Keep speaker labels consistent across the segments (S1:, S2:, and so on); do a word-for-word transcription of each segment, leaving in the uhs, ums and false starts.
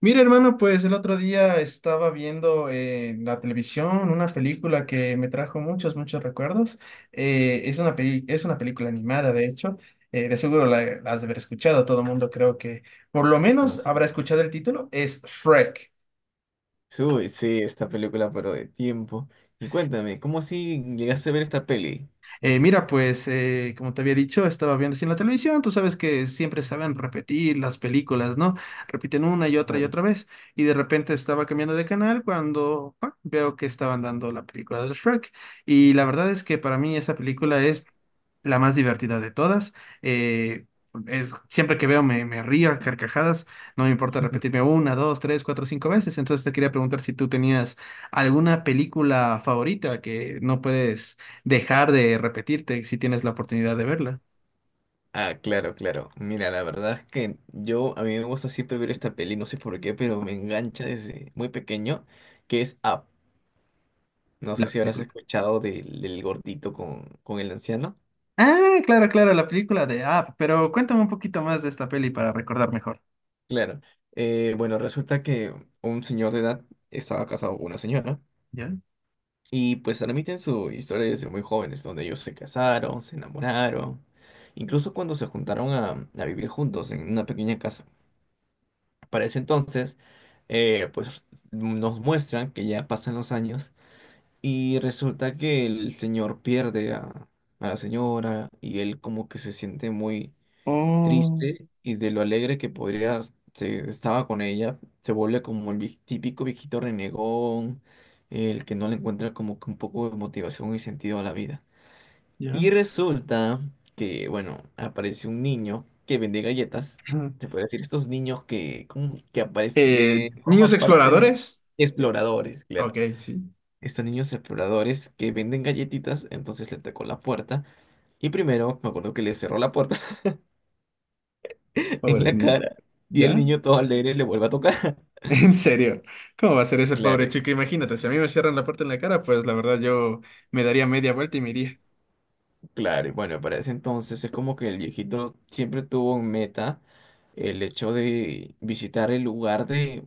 S1: Mira, hermano, pues el otro día estaba viendo eh, en la televisión una película que me trajo muchos, muchos recuerdos. Eh, es una peli- es una película animada, de hecho. Eh, de seguro la, la has de haber escuchado. Todo el mundo creo que por lo
S2: Ah,
S1: menos
S2: sí.
S1: habrá escuchado el título. Es Shrek.
S2: Uy, sí, esta película, pero de tiempo. Y cuéntame, ¿cómo así llegaste a ver esta peli?
S1: Eh, mira, pues eh, como te había dicho, estaba viendo así en la televisión, tú sabes que siempre saben repetir las películas, ¿no? Repiten una y otra y
S2: Claro.
S1: otra vez. Y de repente estaba cambiando de canal cuando ¡pa!, veo que estaban dando la película de Shrek. Y la verdad es que para mí esa película es la más divertida de todas. Eh, es, Siempre que veo me, me río a carcajadas, no me importa repetirme una, dos, tres, cuatro, cinco veces. Entonces te quería preguntar si tú tenías alguna película favorita que no puedes dejar de repetirte si tienes la oportunidad de verla,
S2: Ah, claro, claro. Mira, la verdad es que yo, a mí me gusta siempre ver esta peli, no sé por qué, pero me engancha desde muy pequeño, que es Up. No sé
S1: la
S2: si habrás
S1: película.
S2: escuchado del, del gordito con, con el anciano.
S1: Ah, claro, claro, la película de Up, pero cuéntame un poquito más de esta peli para recordar mejor.
S2: Claro. Eh, bueno, resulta que un señor de edad estaba casado con una señora.
S1: ¿Ya?
S2: Y pues transmiten su historia desde muy jóvenes, donde ellos se casaron, se enamoraron, incluso cuando se juntaron a, a vivir juntos en una pequeña casa. Para ese entonces, eh, pues nos muestran que ya pasan los años y resulta que el señor pierde a, a la señora y él como que se siente muy
S1: Oh,
S2: triste, y de lo alegre que podría se estaba con ella, se vuelve como el vie- típico viejito renegón, el que no le encuentra como que un poco de motivación y sentido a la vida. Y
S1: ya.
S2: resulta que, bueno, aparece un niño que vende galletas.
S1: Ajá.
S2: Se puede decir, estos niños que, como que aparecen,
S1: Eh,
S2: que
S1: niños
S2: forman parte de
S1: exploradores. Eh,
S2: exploradores, claro.
S1: ok, sí.
S2: Estos niños exploradores que venden galletitas, entonces le tocó la puerta. Y primero, me acuerdo que le cerró la puerta en
S1: Pobre
S2: la
S1: niño.
S2: cara, y el
S1: ¿Ya?
S2: niño todo alegre le vuelve a tocar.
S1: En serio. ¿Cómo va a ser ese pobre
S2: Claro,
S1: chico? Imagínate, si a mí me cierran la puerta en la cara, pues la verdad yo me daría media vuelta y me iría.
S2: claro. Y bueno, para ese entonces es como que el viejito siempre tuvo en meta el hecho de visitar el lugar de,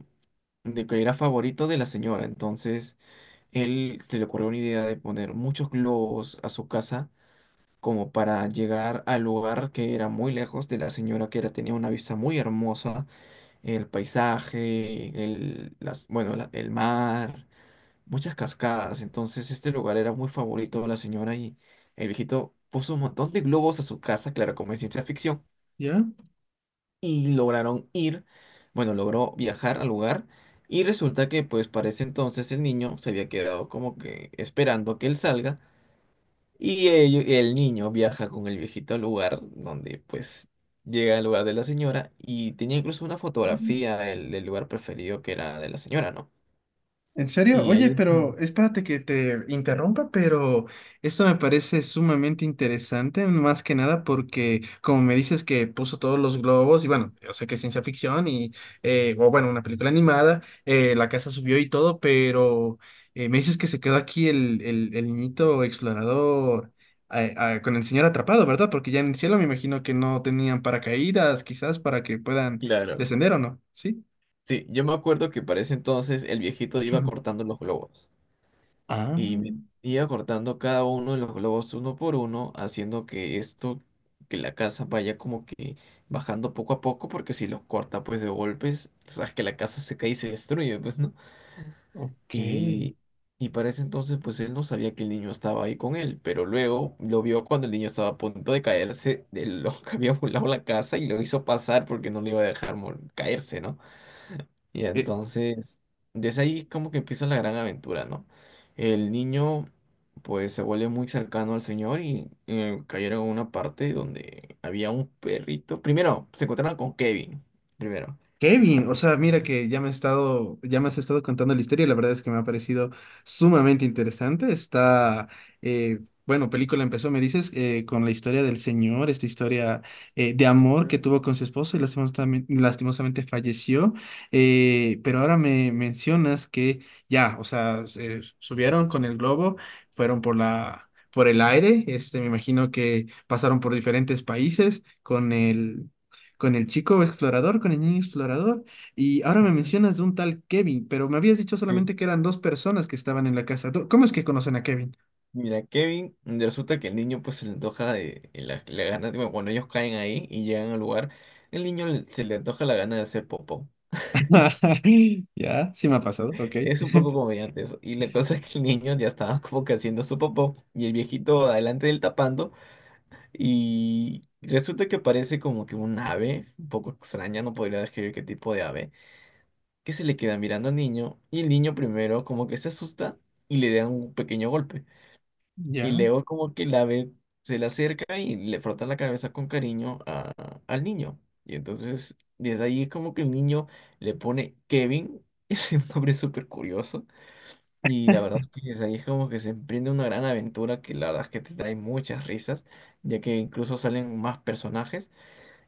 S2: de que era favorito de la señora. Entonces, él se le ocurrió una idea de poner muchos globos a su casa como para llegar al lugar que era muy lejos de la señora, que era, tenía una vista muy hermosa, el paisaje, el, las, bueno, la- el mar, muchas cascadas. Entonces este lugar era muy favorito de la señora, y el viejito puso un montón de globos a su casa, claro, como es ciencia ficción,
S1: ¿Ya?
S2: y lograron ir, bueno, logró viajar al lugar, y resulta que pues para ese entonces el niño se había quedado como que esperando que él salga, y ello- el niño viaja con el viejito al lugar donde pues... llega al lugar de la señora, y tenía incluso una fotografía del, del lugar preferido que era de la señora, ¿no?
S1: ¿En serio?
S2: Y
S1: Oye,
S2: ahí, mm,
S1: pero espérate que te interrumpa, pero esto me parece sumamente interesante, más que nada porque como me dices que puso todos los globos, y bueno, yo sé que es ciencia ficción y, eh, o bueno, una película animada, eh, la casa subió y todo, pero eh, me dices que se quedó aquí el, el, el niñito explorador eh, ah, con el señor atrapado, ¿verdad? Porque ya en el cielo me imagino que no tenían paracaídas, quizás para que puedan
S2: claro.
S1: descender o no, ¿sí?
S2: Sí, yo me acuerdo que para ese entonces el viejito iba cortando los globos,
S1: Ah,
S2: y me- iba cortando cada uno de los globos uno por uno, haciendo que esto, que la casa vaya como que bajando poco a poco, porque si los corta pues de golpes, sabes que la casa se cae y se destruye, pues, ¿no?
S1: ok.
S2: Y, y para ese entonces pues él no sabía que el niño estaba ahí con él, pero luego lo vio cuando el niño estaba a punto de caerse de lo que había volado la casa, y lo hizo pasar porque no le iba a dejar mor- caerse, ¿no? Y
S1: Eh,
S2: entonces, desde ahí como que empieza la gran aventura, ¿no? El niño pues se vuelve muy cercano al señor, y eh, cayeron en una parte donde había un perrito. Primero, se encontraron con Kevin, primero.
S1: Kevin, o sea, mira que ya me he estado, ya me has estado contando la historia y la verdad es que me ha parecido sumamente interesante. Está, eh, bueno, Película empezó, me dices, eh, con la historia del señor, esta historia eh, de amor
S2: Ujú,
S1: que tuvo con su esposa y lastimosamente, lastimosamente falleció. Eh, pero ahora me mencionas que ya, o sea, se subieron con el globo, fueron por la, por el aire, este, me imagino que pasaron por diferentes países con el con el chico explorador, con el niño explorador. Y ahora me
S2: ujú.
S1: mencionas de un tal Kevin, pero me habías dicho
S2: Sí.
S1: solamente que eran dos personas que estaban en la casa. Do- ¿Cómo es que conocen a Kevin?
S2: Mira, Kevin, resulta que el niño pues se le antoja de, de la, la gana, bueno, cuando ellos caen ahí y llegan al lugar, el niño le- se le antoja la gana de hacer popó.
S1: Ya, sí me ha pasado, ok.
S2: Es un poco comediante eso. Y la cosa es que el niño ya estaba como que haciendo su popó y el viejito adelante del tapando, y resulta que parece como que un ave, un poco extraña, no podría describir qué tipo de ave, que se le queda mirando al niño, y el niño primero como que se asusta y le da un pequeño golpe. Y
S1: Ya.
S2: luego como que el ave se le acerca y le frota la cabeza con cariño a- al niño. Y entonces desde ahí es como que el niño le pone Kevin, es un nombre súper curioso. Y la verdad es que desde ahí es como que se emprende una gran aventura que la verdad es que te trae muchas risas, ya que incluso salen más personajes.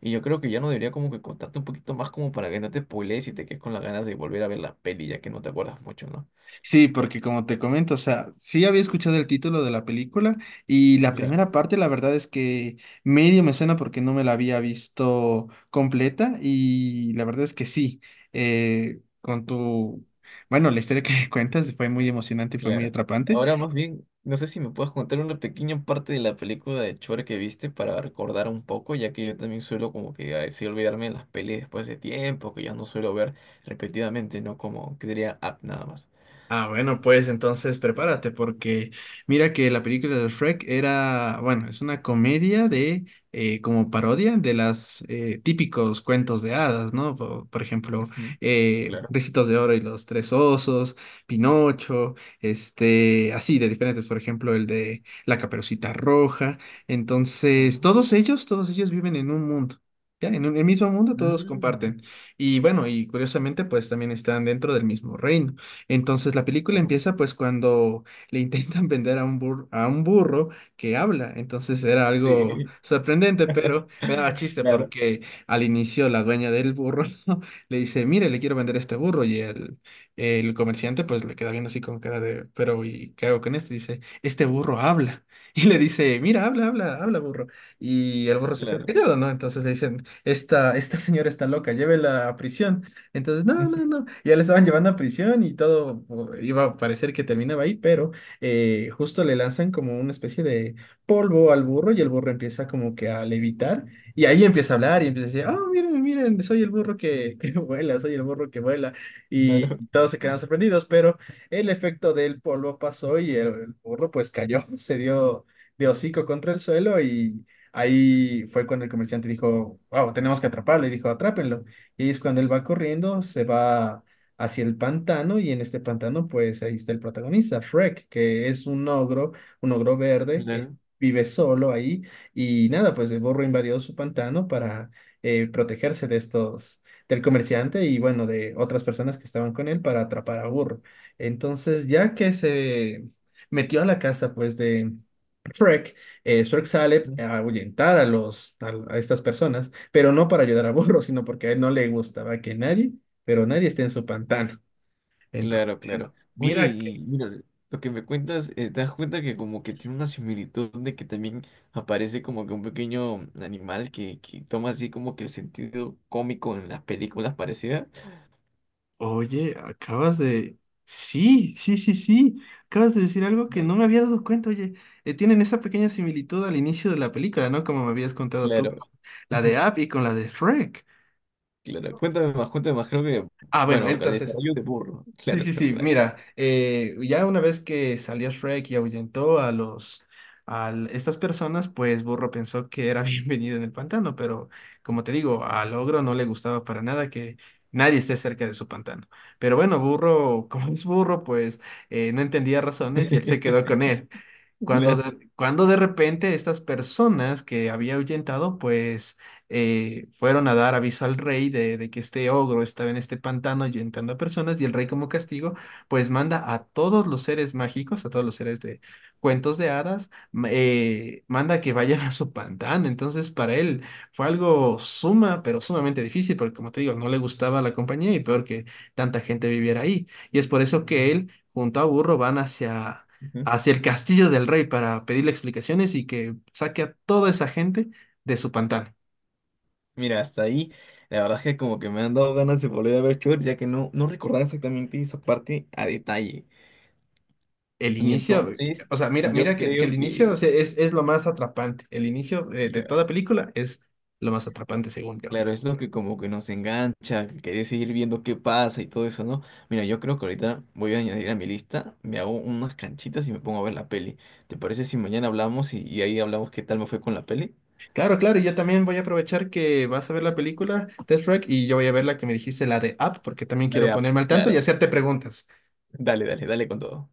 S2: Y yo creo que ya no debería como que contarte un poquito más como para que no te spoilees y te quedes con las ganas de volver a ver la peli, ya que no te acuerdas mucho, ¿no?
S1: Sí, porque como te comento, o sea, sí había escuchado el título de la película y la
S2: Claro,
S1: primera parte, la verdad es que medio me suena porque no me la había visto completa y la verdad es que sí, eh, con tu, bueno, la historia que cuentas fue muy emocionante y fue muy
S2: claro.
S1: atrapante.
S2: Ahora más bien, no sé si me puedes contar una pequeña parte de la película de Chore que viste para recordar un poco, ya que yo también suelo como que a veces olvidarme de las pelis después de tiempo, que ya no suelo ver repetidamente, ¿no? Como que sería app nada más.
S1: Ah, bueno, pues entonces prepárate porque mira que la película de Shrek era, bueno, es una comedia de, eh, como parodia de las eh, típicos cuentos de hadas, ¿no? Po- Por ejemplo,
S2: Ujú.
S1: eh,
S2: Claro.
S1: Ricitos de Oro y los Tres Osos, Pinocho, este, así de diferentes, por ejemplo, el de La Caperucita Roja. Entonces,
S2: Claro.
S1: todos ellos, todos ellos viven en un mundo. Ya, en un- el mismo mundo todos
S2: Mm,
S1: comparten. Y bueno, y curiosamente, pues también están dentro del mismo reino. Entonces la película
S2: claro,
S1: empieza pues cuando le intentan vender a un burro, a un burro que habla. Entonces era algo
S2: sí.
S1: sorprendente, pero me daba chiste
S2: Claro,
S1: porque al inicio la dueña del burro le dice, mire, le quiero vender este burro y el, el comerciante pues le queda viendo así con cara de, pero ¿y qué hago con esto? Y dice, este burro habla. Y le dice, mira, habla, habla, habla, burro. Y el burro se queda
S2: claro.
S1: callado, ¿no? Entonces le dicen, esta, esta señora está loca, llévela a prisión. Entonces, no, no, no. Ya le estaban llevando a prisión y todo o- iba a parecer que terminaba ahí, pero eh, justo le lanzan como una especie de polvo al burro y el burro empieza como que a levitar y ahí empieza a hablar y empieza a decir, oh, miren, miren, soy el burro que, que vuela, soy el burro que vuela.
S2: Claro,
S1: Y todos se quedan sorprendidos, pero el efecto del polvo pasó y el, el burro pues cayó, se dio de hocico contra el suelo y… Ahí fue cuando el comerciante dijo, wow, tenemos que atraparlo. Y dijo, atrápenlo. Y es cuando él va corriendo, se va hacia el pantano y en este pantano pues ahí está el protagonista, Shrek, que es un ogro, un ogro verde, eh,
S2: claro.
S1: vive solo ahí y nada, pues el burro invadió su pantano para eh, protegerse de estos, del comerciante y bueno, de otras personas que estaban con él para atrapar a burro. Entonces ya que se metió a la casa pues de Shrek, eh, Shrek sale a ahuyentar a los, a a estas personas pero no para ayudar a Burro, sino porque a él no le gustaba que nadie, pero nadie esté en su pantano.
S2: Claro,
S1: Entonces,
S2: claro. Oye,
S1: mira que,
S2: y mira, lo que me cuentas, eh, te das cuenta que como que tiene una similitud de que también aparece como que un pequeño animal que, que toma así como que el sentido cómico en las películas parecidas.
S1: oye, acabas de… Sí, sí, sí, sí. Acabas de decir algo que
S2: Claro.
S1: no me había dado cuenta. Oye, eh, tienen esa pequeña similitud al inicio de la película, ¿no? Como me habías contado tú,
S2: Claro.
S1: con la de App y con la de Shrek.
S2: Claro. Cuéntame más, cuéntame más. Creo que,
S1: Ah, bueno,
S2: bueno, el
S1: entonces,
S2: desarrollo de burro.
S1: sí,
S2: Claro,
S1: sí,
S2: claro,
S1: sí,
S2: dale.
S1: mira, eh, ya una vez que salió Shrek y ahuyentó a los a l- estas personas, pues Burro pensó que era bienvenido en el pantano, pero como te digo, al ogro no le gustaba para nada que nadie esté cerca de su pantano. Pero bueno, Burro, como es burro, pues eh, no entendía razones y él se quedó con él. Cuando
S2: Claro.
S1: de, cuando de repente estas personas que había ahuyentado, pues eh, fueron a dar aviso al rey de, de que este ogro estaba en este pantano ahuyentando a personas y el rey como castigo, pues manda a todos los seres mágicos, a todos los seres de cuentos de hadas, ma- eh, manda que vayan a su pantano. Entonces para él fue algo suma, pero sumamente difícil, porque como te digo, no le gustaba la compañía y peor que tanta gente viviera ahí. Y es por eso que él junto a Burro van hacia hacia el castillo del rey para pedirle explicaciones y que saque a toda esa gente de su pantano.
S2: Mira, hasta ahí, la verdad es que como que me han dado ganas de volver a ver Shrek, ya que no, no recordaba exactamente esa parte a detalle.
S1: El
S2: Y
S1: inicio, eh,
S2: entonces,
S1: o sea, Mira,
S2: yo
S1: mira que, que el
S2: creo
S1: inicio o
S2: que,
S1: sea, es, es lo más atrapante. El inicio eh, de
S2: cla-
S1: toda película es lo más atrapante, según yo.
S2: claro, es lo que como que nos engancha, que querés seguir viendo qué pasa y todo eso, ¿no? Mira, yo creo que ahorita voy a añadir a mi lista, me hago unas canchitas y me pongo a ver la peli. ¿Te parece si mañana hablamos y, y ahí hablamos qué tal me fue con la peli?
S1: Claro, claro, y yo también voy a aprovechar que vas a ver la película Test Track y yo voy a ver la que me dijiste, la de Up, porque también quiero
S2: Dale, ah,
S1: ponerme al tanto y
S2: claro.
S1: hacerte preguntas.
S2: Dale, dale, dale con todo.